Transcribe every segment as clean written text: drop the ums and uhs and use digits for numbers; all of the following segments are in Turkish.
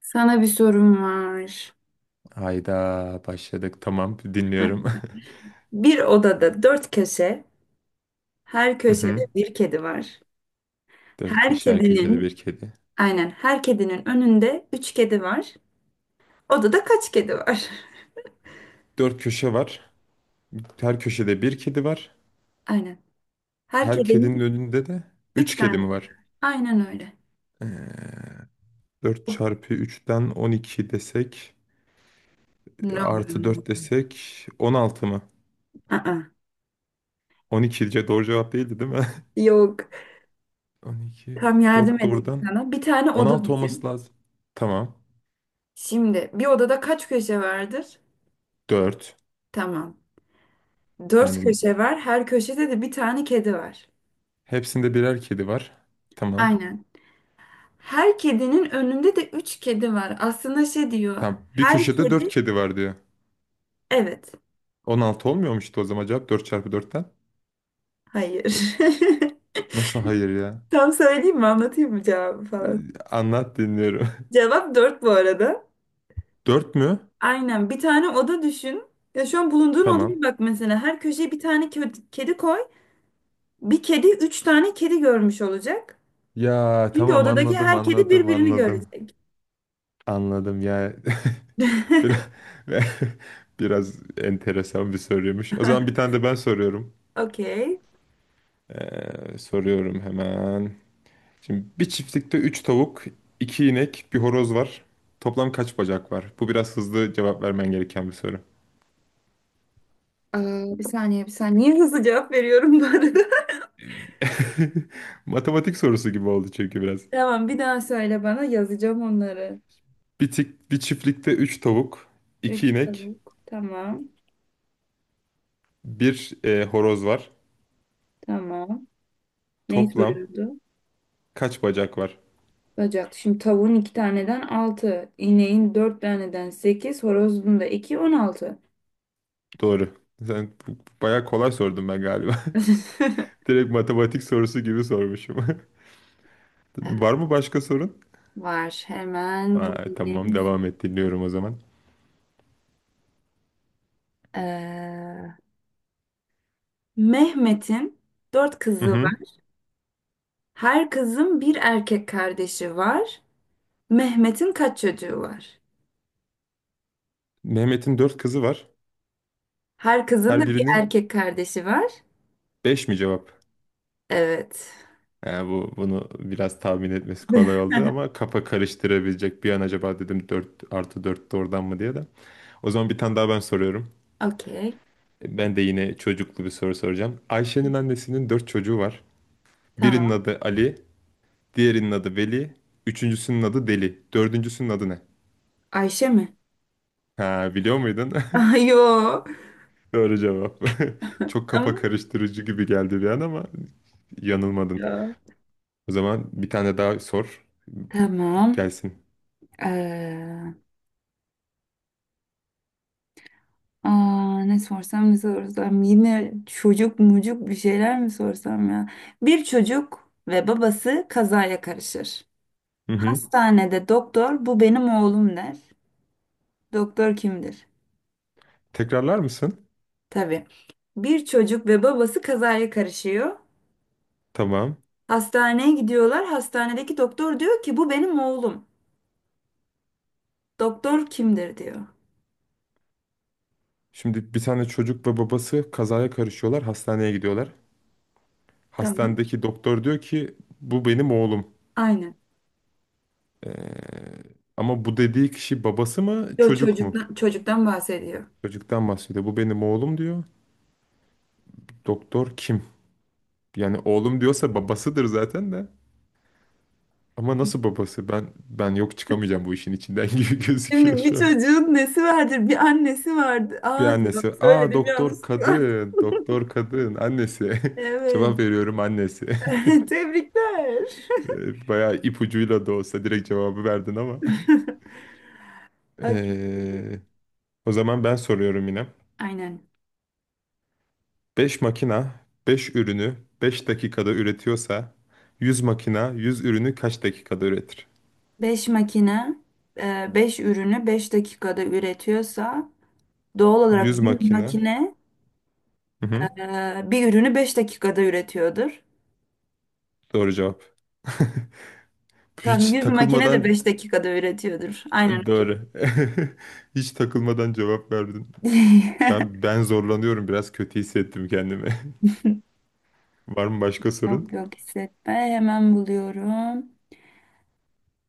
Sana bir sorum var. Hayda başladık. Tamam Heh. dinliyorum. Bir odada dört köşe, her Hı hı. köşede bir kedi var. Dört Her köşe, her köşede kedinin, bir kedi. aynen her kedinin önünde üç kedi var. Odada kaç kedi var? Dört köşe var. Her köşede bir kedi var. Aynen. Her Her kedinin kedinin önünde de üç üç tane. kedi mi Kedi var? var. Aynen öyle. Ee, 4 çarpı üçten 12 desek, Ne artı oluyor? 4 desek 16 mı? Aa, Doğru cevap değildi, değil mi? Yok. On iki, Tam yardım 4 edeyim doğrudan sana. Bir tane on oda altı olması düşün. lazım. Tamam. Şimdi bir odada kaç köşe vardır? Dört. Tamam. Dört Yani köşe var. Her köşede de bir tane kedi var. hepsinde birer kedi var. Tamam. Aynen. Her kedinin önünde de üç kedi var. Aslında şey diyor. Tamam. Bir Her köşede 4 kedi... kedi var diyor. Evet. 16 olmuyormuştu o zaman cevap, 4 çarpı dörtten? Hayır. Nasıl hayır ya? Tam söyleyeyim mi? Anlatayım mı cevabı falan? Anlat, dinliyorum. Cevap dört bu arada. 4 mü? Aynen. Bir tane oda düşün. Ya şu an bulunduğun Tamam. odaya bak mesela. Her köşeye bir tane kedi koy. Bir kedi üç tane kedi görmüş olacak. Ya Çünkü tamam, odadaki anladım her kedi anladım birbirini anladım. görecek. Anladım ya. Biraz, biraz enteresan bir soruymuş. O zaman bir tane de ben soruyorum. Okey. Soruyorum hemen. Şimdi bir çiftlikte 3 tavuk, 2 inek, bir horoz var. Toplam kaç bacak var? Bu biraz hızlı cevap vermen gereken bir soru. Ee, bir saniye, bir saniye. Niye hızlı cevap veriyorum bu arada? Matematik sorusu gibi oldu çünkü biraz. Tamam, bir daha söyle bana, yazacağım onları. Bir çiftlikte 3 tavuk, 2 Üç inek, tavuk. Tamam. bir horoz var. Tamam. Neyi Toplam soruyordu? kaç bacak var? Bacak. Şimdi tavuğun iki taneden altı. İneğin dört taneden sekiz. Horozun da iki. On altı. Doğru. Sen bu- Bayağı kolay sordum ben galiba. Direkt matematik sorusu gibi sormuşum. Var mı başka sorun? Var. Hemen Aa, tamam, bulayım. devam et, dinliyorum o zaman. Ee, Mehmet'in dört Hı kızı hı. var. Her kızın bir erkek kardeşi var. Mehmet'in kaç çocuğu var? Mehmet'in dört kızı var. Her kızın da Her bir birinin erkek kardeşi var. 5 mi cevap? Evet. Ha, bu bunu biraz tahmin etmesi kolay oldu, ama kafa karıştırabilecek bir an acaba dedim, 4 artı 4 doğrudan mı diye de. O zaman bir tane daha ben soruyorum. Okey. Ben de yine çocuklu bir soru soracağım. Ayşe'nin annesinin dört çocuğu var. Birinin Tamam. adı Ali, diğerinin adı Veli, üçüncüsünün adı Deli, dördüncüsünün adı ne? Ayşe mi? Ha, biliyor muydun? Ay, yo. Doğru cevap. Çok kafa Ama karıştırıcı gibi geldi bir an, ama yanılmadın. ya. O zaman bir tane daha sor. Tamam. Gelsin. Ee, ne sorsam, yine çocuk mucuk bir şeyler mi sorsam ya? Bir çocuk ve babası kazaya karışır. Hı hı. Hastanede doktor bu benim oğlum der. Doktor kimdir? Tekrarlar mısın? Tabii. Bir çocuk ve babası kazaya karışıyor. Tamam. Hastaneye gidiyorlar. Hastanedeki doktor diyor ki bu benim oğlum. Doktor kimdir diyor. Şimdi bir tane çocuk ve babası kazaya karışıyorlar, hastaneye gidiyorlar. Tamam. Hastanedeki doktor diyor ki bu benim oğlum. Aynen. E, Ama bu dediği kişi babası mı, Yo, çocuk mu? Çocuktan bahsediyor. Çocuktan bahsediyor. Bu benim oğlum diyor. Doktor kim? Yani oğlum diyorsa babasıdır zaten de. Ama nasıl babası? Ben yok, çıkamayacağım bu işin içinden gibi gözüküyor Şimdi bir şu an. çocuğun nesi vardır? Bir annesi vardı. Bir Aa diyor. annesi. Aa, Söyledim doktor yanlışlıkla. kadın, doktor kadın annesi. Evet. Cevap veriyorum, annesi. Tebrikler. Bayağı ipucuyla da olsa direkt cevabı verdin ama. Okey. Ee, O zaman ben soruyorum yine. Aynen. 5 makina 5 ürünü 5 dakikada üretiyorsa 100 makina 100 ürünü kaç dakikada üretir? 5 makine 5 ürünü beş dakikada üretiyorsa doğal 100 olarak bir makina. makine Hı hı. Bir ürünü 5 dakikada üretiyordur. Doğru cevap. Tam Hiç 100 makine de takılmadan 5 dakikada üretiyordur. Aynen. doğru. Hiç takılmadan cevap verdin. Ben ben zorlanıyorum biraz, kötü hissettim kendimi. Var mı başka Yok sorun? yok, hissetme. Hemen buluyorum.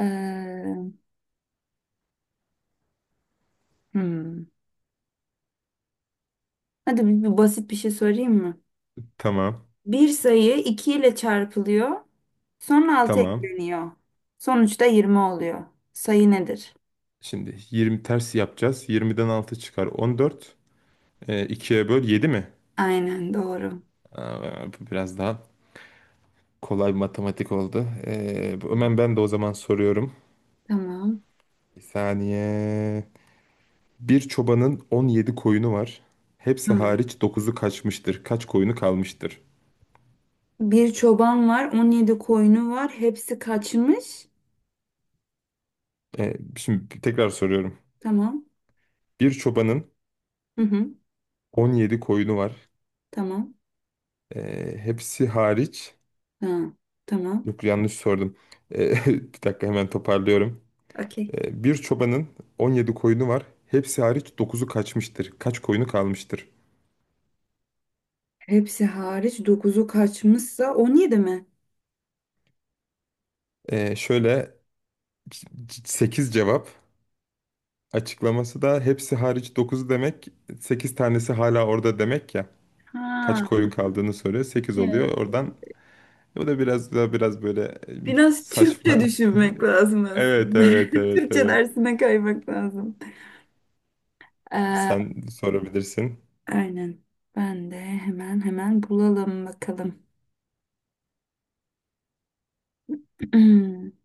Ee, hmm. Hadi bir basit bir şey sorayım mı? Tamam. Bir sayı 2 ile çarpılıyor. Sonra altı Tamam. ekleniyor. Sonuçta 20 oluyor. Sayı nedir? Şimdi 20 ters yapacağız. 20'den 6 çıkar 14. 2'ye böl 7 mi? Aynen, doğru. Aa, bu biraz daha kolay bir matematik oldu. Evet. Hemen ben de o zaman soruyorum. Tamam. Bir saniye. Bir çobanın 17 koyunu var. Hepsi Tamam. hariç dokuzu kaçmıştır. Kaç koyunu kalmıştır? Bir çoban var, 17 koyunu var. Hepsi kaçmış. Şimdi tekrar soruyorum. Tamam. Bir çobanın Hı hı. 17 koyunu var. Tamam. Hepsi hariç... Ha, tamam. Yok, yanlış sordum. Bir dakika, hemen toparlıyorum. Okey. Bir çobanın 17 koyunu var. Hepsi hariç dokuzu kaçmıştır. Kaç koyunu kalmıştır? Hepsi hariç dokuzu kaçmışsa 17 mi? Şöyle, 8 cevap. Açıklaması da hepsi hariç 9 demek, 8 tanesi hala orada demek ya. Kaç Ha, koyun kaldığını soruyor, sekiz oluyor. evet. Oradan bu da biraz böyle Biraz saçma. Türkçe düşünmek lazım Evet, aslında. evet, evet, Türkçe evet. dersine kaymak lazım. Ee, Sen sorabilirsin. aynen. Ben de hemen bulalım bakalım.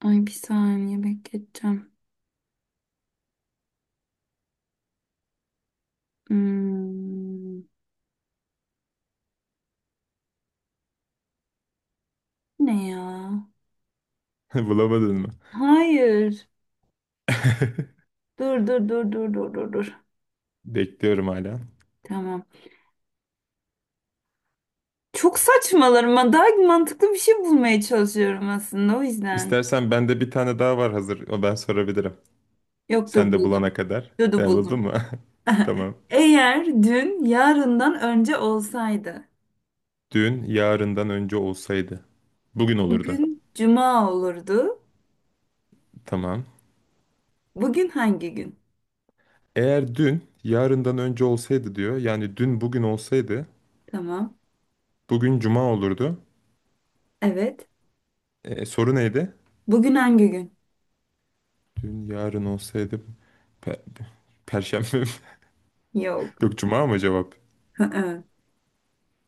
Ay, bir saniye bekleteceğim. Hmm, ne ya? Bulamadın mı? Hayır. Dur, dur, dur, dur, dur, dur, dur. Bekliyorum hala. Tamam. Çok saçmalarım. Ben daha mantıklı bir şey bulmaya çalışıyorum aslında o yüzden. İstersen bende bir tane daha var hazır. O ben sorabilirim. Sen Yoktur, de buldum. bulana kadar. Dudu E, buldun buldum. mu? Tamam. Eğer dün yarından önce olsaydı, Dün yarından önce olsaydı. Bugün olurdu. bugün cuma olurdu. Tamam. Bugün hangi gün? Eğer dün yarından önce olsaydı diyor. Yani dün bugün olsaydı. Tamam. Bugün cuma olurdu. Evet. E, soru neydi? Bugün hangi gün? Dün yarın olsaydı. pe- Perşembe mi? Yok. Yok, cuma mı cevap? Hı-hı.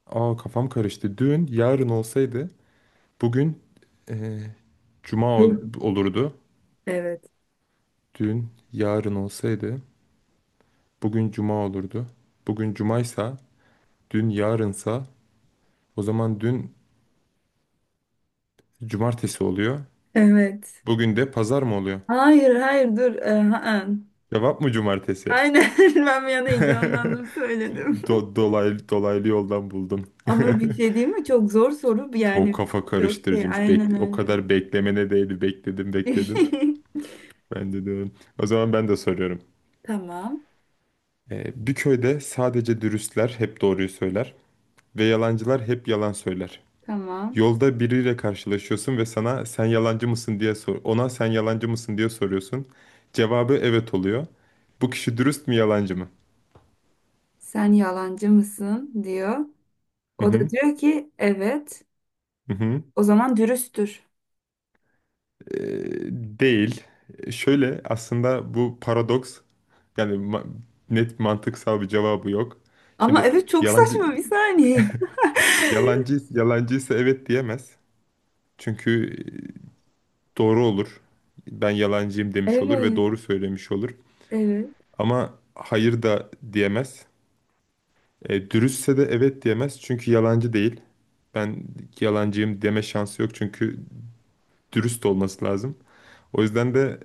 Aa, kafam karıştı. Dün yarın olsaydı. Bugün e, cuma Bu- olurdu. evet. Dün yarın olsaydı. Bugün cuma olurdu. Bugün cumaysa. Dün yarınsa. O zaman dün cumartesi oluyor. Evet. Bugün de pazar mı oluyor? Hayır, hayır, dur. Hı-hı. Cevap mı cumartesi? Aynen. Ben bir an heyecanlandım, söyledim. Dolaylı, dolaylı yoldan buldum. Ama bir şey değil mi? Çok zor soru Çok yani. kafa Çok şey, karıştırıcıymış. aynen Bekle, o öyle. kadar beklemene değdi. Bekledim, bekledim. Ben de diyorum. O zaman ben de soruyorum. Tamam. Bir köyde sadece dürüstler hep doğruyu söyler ve yalancılar hep yalan söyler. Tamam. Yolda biriyle karşılaşıyorsun ve sana sen yalancı mısın diye sor. Ona sen yalancı mısın diye soruyorsun. Cevabı evet oluyor. Bu kişi dürüst mü, yalancı mı? Sen yalancı mısın diyor. Hı O da hı. diyor ki evet. Hı hı. O zaman dürüsttür. Ee, değil. Şöyle, aslında bu paradoks. Yani ma- Net mantıksal bir cevabı yok. Ama Şimdi evet, çok yalancı saçma, bir saniye. yalancı yalancıysa evet diyemez. Çünkü e, doğru olur. Ben yalancıyım demiş olur ve Evet. doğru söylemiş olur. Evet. Ama hayır da diyemez. E, dürüstse de evet diyemez çünkü yalancı değil. Ben yalancıyım deme şansı yok çünkü dürüst olması lazım. O yüzden de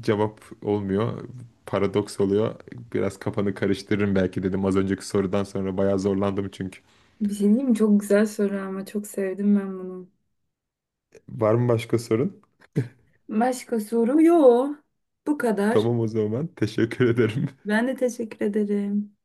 cevap olmuyor. Paradoks oluyor. Biraz kafanı karıştırırım belki dedim, az önceki sorudan sonra bayağı zorlandım çünkü. Bir şey diyeyim mi? Çok güzel soru, ama çok sevdim ben bunu. Var mı başka sorun? Başka soru yok. Bu kadar. Tamam o zaman. Teşekkür ederim. Ben de teşekkür ederim.